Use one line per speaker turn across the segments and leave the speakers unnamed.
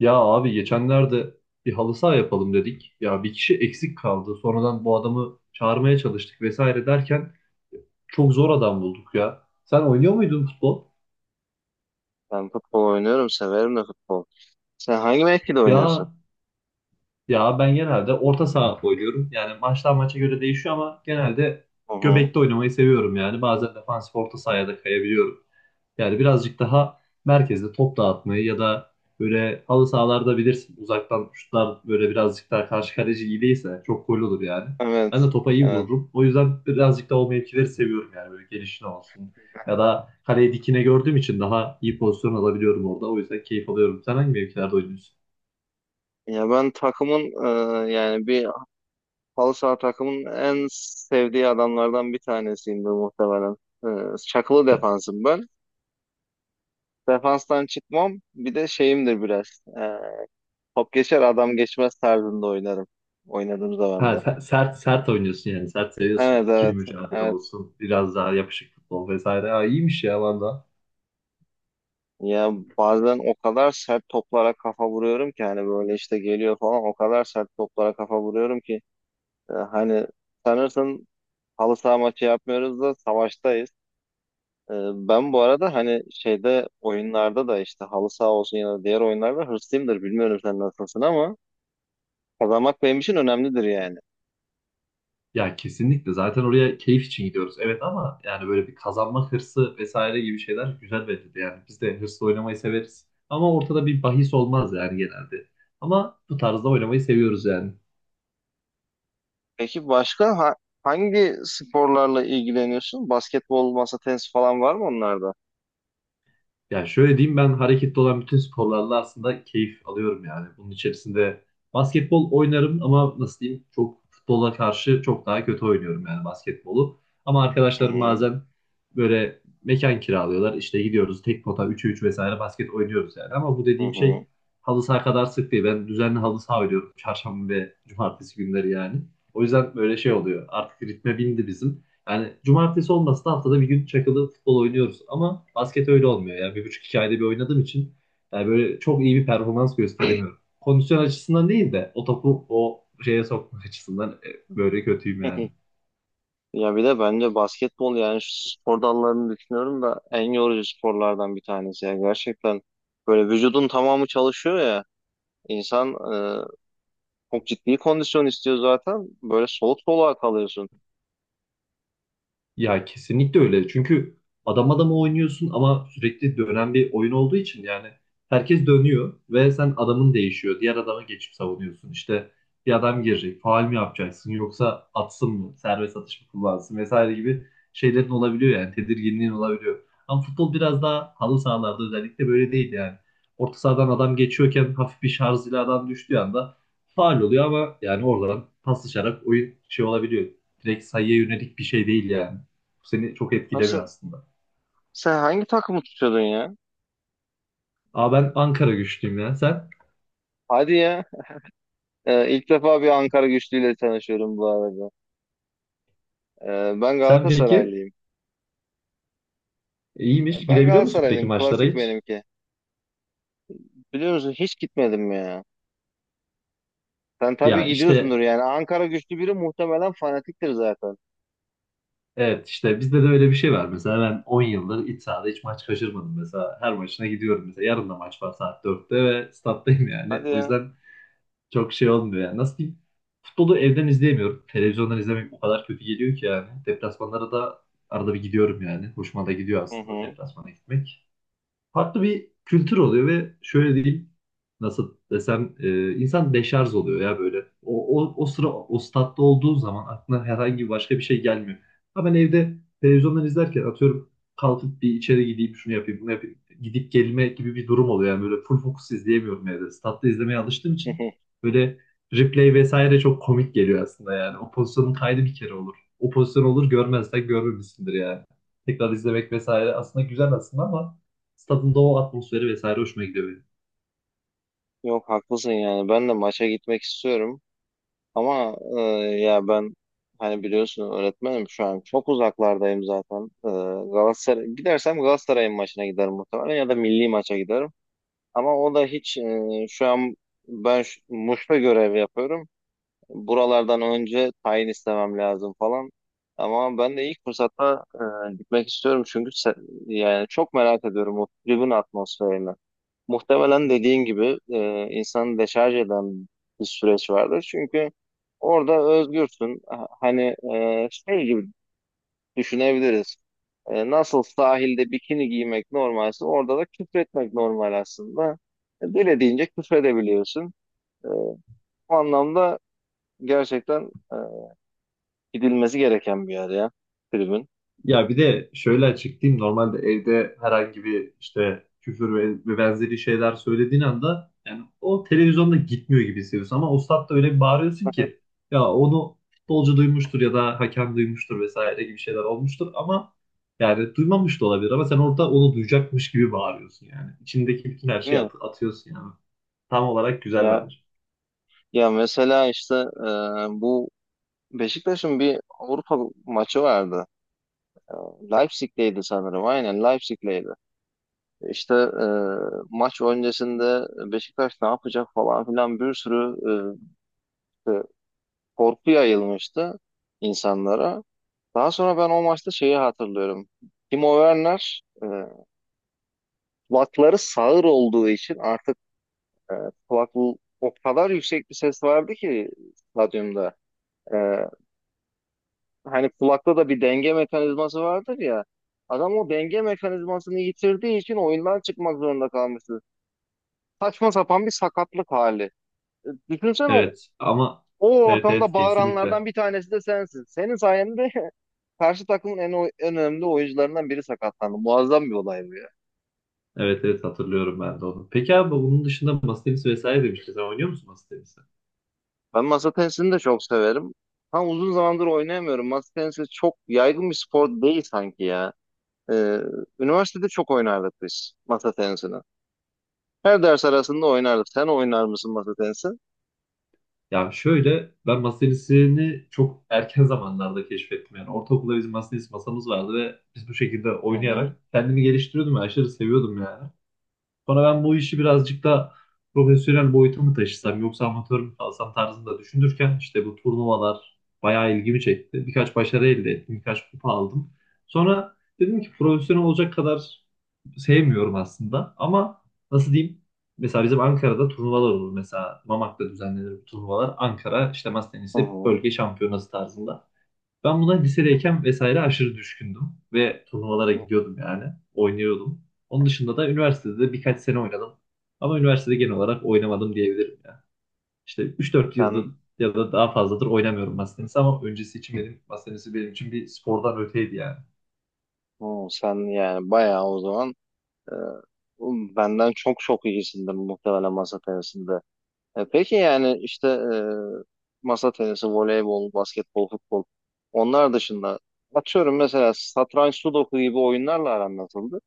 Ya abi geçenlerde bir halı saha yapalım dedik. Ya bir kişi eksik kaldı. Sonradan bu adamı çağırmaya çalıştık vesaire derken çok zor adam bulduk ya. Sen oynuyor muydun futbol?
Ben futbol oynuyorum, severim de futbol. Sen hangi mevkide oynuyorsun?
Ya Ya ben genelde orta saha oynuyorum. Yani maçtan maça göre değişiyor ama genelde
Hı hı.
göbekte oynamayı seviyorum yani. Bazen defansif orta sahaya da kayabiliyorum. Yani birazcık daha merkezde top dağıtmayı ya da böyle halı sahalarda bilirsin uzaktan şutlar böyle birazcık daha karşı kaleci iyi değilse çok gol olur yani. Ben
Evet,
de topa iyi
evet.
vururum. O yüzden birazcık daha o mevkileri seviyorum yani böyle gelişine olsun. Ya da kaleyi dikine gördüğüm için daha iyi pozisyon alabiliyorum orada. O yüzden keyif alıyorum. Sen hangi mevkilerde oynuyorsun?
Ya ben takımın yani bir halı saha takımın en sevdiği adamlardan bir tanesiyimdir muhtemelen. Çakılı defansım ben. Defanstan çıkmam. Bir de şeyimdir biraz. E, Top geçer adam geçmez tarzında oynarım. Oynadığım zaman
Ha,
da.
sert sert oynuyorsun yani. Sert seviyorsun.
Evet
İkili
evet
mücadele
evet.
olsun. Biraz daha yapışık futbol vesaire. Ha, iyiymiş ya valla.
Ya bazen o kadar sert toplara kafa vuruyorum ki hani böyle işte geliyor falan o kadar sert toplara kafa vuruyorum ki hani sanırsın halı saha maçı yapmıyoruz da savaştayız. Ee, Ben bu arada hani şeyde oyunlarda da işte halı saha olsun ya da diğer oyunlarda hırslıyımdır. Bilmiyorum sen nasılsın ama kazanmak benim için önemlidir yani.
Ya kesinlikle. Zaten oraya keyif için gidiyoruz. Evet ama yani böyle bir kazanma hırsı vesaire gibi şeyler güzel verildi. Yani biz de hırsla oynamayı severiz. Ama ortada bir bahis olmaz yani genelde. Ama bu tarzda oynamayı seviyoruz yani.
Peki hangi sporlarla ilgileniyorsun? Basketbol, masa tenisi falan var mı onlarda?
Yani şöyle diyeyim ben hareketli olan bütün sporlarla aslında keyif alıyorum yani. Bunun içerisinde basketbol oynarım ama nasıl diyeyim çok futbola karşı çok daha kötü oynuyorum yani basketbolu. Ama
Hı
arkadaşlarım
hı.
bazen böyle mekan kiralıyorlar işte gidiyoruz tek pota 3'e 3 vesaire basket oynuyoruz yani. Ama bu
Hı
dediğim
hı.
şey halı saha kadar sık değil. Ben düzenli halı saha oynuyorum çarşamba ve cumartesi günleri yani. O yüzden böyle şey oluyor artık ritme bindi bizim. Yani cumartesi olmasa da haftada bir gün çakılı futbol oynuyoruz. Ama basket öyle olmuyor. Yani bir buçuk iki ayda bir oynadığım için yani böyle çok iyi bir performans gösteremiyorum. Kondisyon açısından değil de o topu o şeye sokma açısından böyle kötüyüm yani.
Ya bir de bence basketbol, yani şu spor dallarını düşünüyorum da en yorucu sporlardan bir tanesi. Ya gerçekten böyle vücudun tamamı çalışıyor ya. İnsan çok ciddi kondisyon istiyor zaten. Böyle soluk soluğa kalıyorsun.
Ya kesinlikle öyle. Çünkü adam adama oynuyorsun ama sürekli dönen bir oyun olduğu için yani herkes dönüyor ve sen adamın değişiyor. Diğer adama geçip savunuyorsun. İşte bir adam girecek. Faul mü yapacaksın yoksa atsın mı? Serbest atış mı kullansın vesaire gibi şeylerin olabiliyor yani. Tedirginliğin olabiliyor. Ama futbol biraz daha halı sahalarda özellikle böyle değil yani. Orta sahadan adam geçiyorken hafif bir şarj ile adam düştüğü anda faul oluyor ama yani oradan paslaşarak oyun şey olabiliyor. Direkt sayıya yönelik bir şey değil yani seni çok
Abi
etkilemiyor aslında.
sen hangi takımı tutuyordun ya?
Aa ben Ankara güçlüyüm ya. Sen?
Hadi ya. İlk defa bir Ankara güçlüyle tanışıyorum bu arada. Ben
Sen peki?
Galatasaraylıyım.
İyiymiş.
Ben
Gidebiliyor musun peki
Galatasaraylıyım.
maçlara
Klasik
hiç?
benimki. Biliyor musun hiç gitmedim ya. Sen tabii
Ya
gidiyorsundur
işte
yani. Ankara güçlü biri muhtemelen fanatiktir zaten.
evet işte bizde de öyle bir şey var. Mesela ben 10 yıldır iç sahada hiç maç kaçırmadım. Mesela her maçına gidiyorum. Mesela yarın da maç var saat 4'te ve stattayım yani.
Hadi
O
ya.
yüzden çok şey olmuyor yani. Nasıl diyeyim? Futbolu evden izleyemiyorum. Televizyondan izlemek o kadar kötü geliyor ki yani. Deplasmanlara da arada bir gidiyorum yani. Hoşuma da gidiyor
Hı
aslında
hı.
deplasmana gitmek. Farklı bir kültür oluyor ve şöyle diyeyim nasıl desem insan deşarj oluyor ya böyle. O sıra o statta olduğu zaman aklına herhangi başka bir şey gelmiyor. Ama ben evde televizyondan izlerken atıyorum kalkıp bir içeri gideyim şunu yapayım bunu yapayım gidip gelme gibi bir durum oluyor. Yani böyle full fokus izleyemiyorum evde. Statta izlemeye alıştığım için böyle replay vesaire çok komik geliyor aslında yani. O pozisyonun kaydı bir kere olur. O pozisyon olur görmezsen görmemişsindir yani. Tekrar izlemek vesaire aslında güzel aslında ama stadın da o atmosferi vesaire hoşuma gidiyor benim.
Yok haklısın yani. Ben de maça gitmek istiyorum. Ama ben hani biliyorsun öğretmenim şu an çok uzaklardayım zaten. Galatasaray gidersem Galatasaray'ın maçına giderim muhtemelen ya da milli maça giderim. Ama o da hiç şu an Muş'ta görev yapıyorum. Buralardan önce tayin istemem lazım falan. Ama ben de ilk fırsatta gitmek istiyorum yani çok merak ediyorum o tribün atmosferini. Muhtemelen dediğin gibi insanı deşarj eden bir süreç vardır. Çünkü orada özgürsün. Hani şey gibi düşünebiliriz. Nasıl sahilde bikini giymek normalse orada da küfretmek normal aslında. Dilediğince küfredebiliyorsun. E, O anlamda gerçekten gidilmesi gereken bir yer ya tribün.
Ya bir de şöyle açıklayayım. Normalde evde herhangi bir işte küfür ve benzeri şeyler söylediğin anda yani o televizyonda gitmiyor gibi hissediyorsun ama o statta öyle bir bağırıyorsun ki ya onu futbolcu duymuştur ya da hakem duymuştur vesaire gibi şeyler olmuştur ama yani duymamış da olabilir ama sen orada onu duyacakmış gibi bağırıyorsun yani. İçindeki bütün her şeyi
Değil mi?
atıyorsun yani. Tam olarak güzel
Ya,
bence.
ya mesela işte bu Beşiktaş'ın bir Avrupa maçı vardı. Leipzig'teydi sanırım. Aynen Leipzig'teydi. İşte maç öncesinde Beşiktaş ne yapacak falan filan bir sürü e, e, korku yayılmıştı insanlara. Daha sonra ben o maçta şeyi hatırlıyorum. Timo Werner kulakları sağır olduğu için artık e, kulak o kadar yüksek bir ses vardı ki stadyumda. E, Hani kulakta da bir denge mekanizması vardır ya. Adam o denge mekanizmasını yitirdiği için oyundan çıkmak zorunda kalmıştı. Saçma sapan bir sakatlık hali. Düşünsene
Evet, ama
o
evet, evet,
ortamda
kesinlikle.
bağıranlardan bir tanesi de sensin. Senin sayende karşı takımın en önemli oyuncularından biri sakatlandı. Muazzam bir olay bu ya.
Evet, evet, hatırlıyorum ben de onu. Peki abi bunun dışında masa tenisi vesaire demiştin. Sen oynuyor musun masa tenisi?
Ben masa tenisini de çok severim. Tam uzun zamandır oynayamıyorum. Masa tenisi çok yaygın bir spor değil sanki ya. E, Üniversitede çok oynardık biz masa tenisini. Her ders arasında oynardık. Sen oynar mısın masa tenisi?
Ya şöyle ben masa tenisini çok erken zamanlarda keşfettim. Yani ortaokulda bizim masa tenisi masamız vardı ve biz bu şekilde
Hı hı.
oynayarak kendimi geliştiriyordum ve aşırı seviyordum yani. Sonra ben bu işi birazcık da profesyonel boyuta mı taşısam yoksa amatör mü kalsam tarzında düşünürken işte bu turnuvalar bayağı ilgimi çekti. Birkaç başarı elde ettim, birkaç kupa aldım. Sonra dedim ki profesyonel olacak kadar sevmiyorum aslında ama nasıl diyeyim? Mesela bizim Ankara'da turnuvalar olur. Mesela Mamak'ta düzenlenir bu turnuvalar. Ankara işte masa
Hı
tenisi
hı.
bölge şampiyonası tarzında. Ben buna lisedeyken vesaire aşırı düşkündüm ve turnuvalara
Hı.
gidiyordum yani. Oynuyordum. Onun dışında da üniversitede de birkaç sene oynadım. Ama üniversitede genel olarak oynamadım diyebilirim ya. İşte 3 4 yıldır
Sen,
ya da daha fazladır oynamıyorum masa tenisi ama öncesi için benim masa tenisi benim için bir spordan öteydi yani.
hı, sen yani bayağı o zaman Ee, benden çok çok iyisindir muhtemelen masa tenisinde. Peki yani işte masa tenisi, voleybol, basketbol, futbol onlar dışında atıyorum mesela satranç, sudoku gibi oyunlarla aran nasıldı?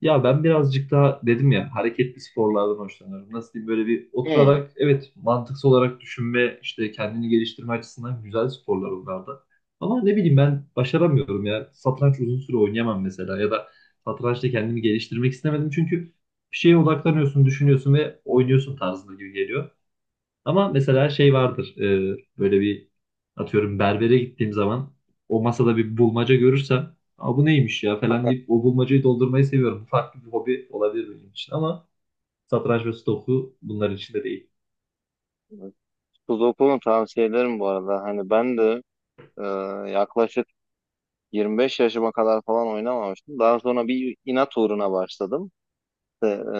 Ya ben birazcık daha dedim ya hareketli sporlardan hoşlanıyorum. Nasıl diyeyim böyle bir
Hmm.
oturarak evet mantıksal olarak düşünme işte kendini geliştirme açısından güzel sporlar onlar da. Ama ne bileyim ben başaramıyorum ya. Satranç uzun süre oynayamam mesela ya da satrançta kendimi geliştirmek istemedim çünkü bir şeye odaklanıyorsun, düşünüyorsun ve oynuyorsun tarzında gibi geliyor. Ama mesela şey vardır. Böyle bir atıyorum berbere gittiğim zaman o masada bir bulmaca görürsem, aa, bu neymiş ya falan deyip o bulmacayı doldurmayı seviyorum. Bu farklı bir hobi olabilir benim için ama satranç ve stoku bunların içinde değil.
Sudoku'nun tavsiye ederim bu arada. Hani ben de e, yaklaşık 25 yaşıma kadar falan oynamamıştım. Daha sonra bir inat uğruna başladım. İşte,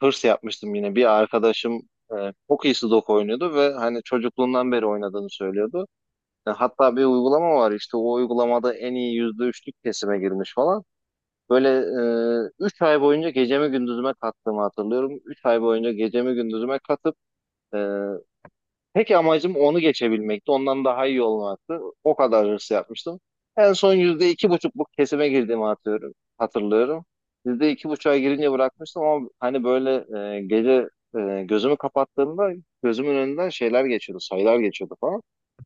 hırs yapmıştım yine. Bir arkadaşım e, çok iyi Sudoku oynuyordu ve hani çocukluğundan beri oynadığını söylüyordu. Hatta bir uygulama var, işte o uygulamada en iyi %3'lük kesime girmiş falan. Böyle 3 ay boyunca gecemi gündüzüme kattığımı hatırlıyorum. 3 ay boyunca gecemi gündüzüme katıp e, tek amacım onu geçebilmekti. Ondan daha iyi olmaktı. O kadar hırs yapmıştım. En son %2,5'luk kesime girdiğimi hatırlıyorum. Hatırlıyorum. %2,5'a girince bırakmıştım ama hani böyle gece gözümü kapattığımda gözümün önünden şeyler geçiyordu, sayılar geçiyordu falan.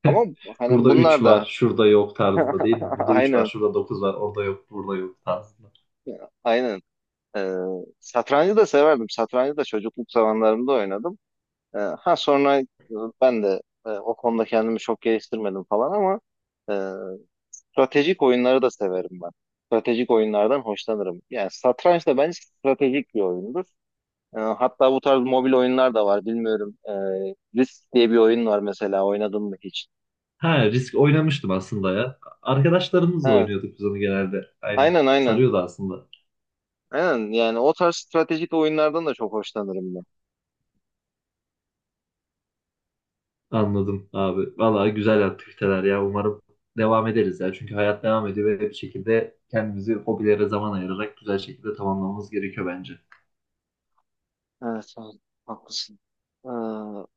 Ama hani
Burada 3
bunlar
var,
da
şurada yok tarzında değil mi? Burada 3 var,
aynen
şurada 9 var, orada yok, burada yok tarzında.
aynen. E, Satrancı da severdim. Satrancı da çocukluk zamanlarımda oynadım. Sonra ben de o konuda kendimi çok geliştirmedim falan ama e, stratejik oyunları da severim ben. Stratejik oyunlardan hoşlanırım. Yani satranç da bence stratejik bir oyundur. Hatta bu tarz mobil oyunlar da var. Bilmiyorum. Risk diye bir oyun var mesela. Oynadın mı hiç?
Ha, risk oynamıştım aslında ya. Arkadaşlarımızla
Evet.
oynuyorduk biz onu genelde. Aynen.
Aynen aynen.
Sarıyordu aslında.
Aynen. Yani o tarz stratejik oyunlardan da çok hoşlanırım ben.
Anladım abi. Vallahi güzel aktiviteler ya. Umarım devam ederiz ya. Çünkü hayat devam ediyor ve bir şekilde kendimizi hobilere zaman ayırarak güzel şekilde tamamlamamız gerekiyor bence.
Evet, evet. Haklısın. Ee,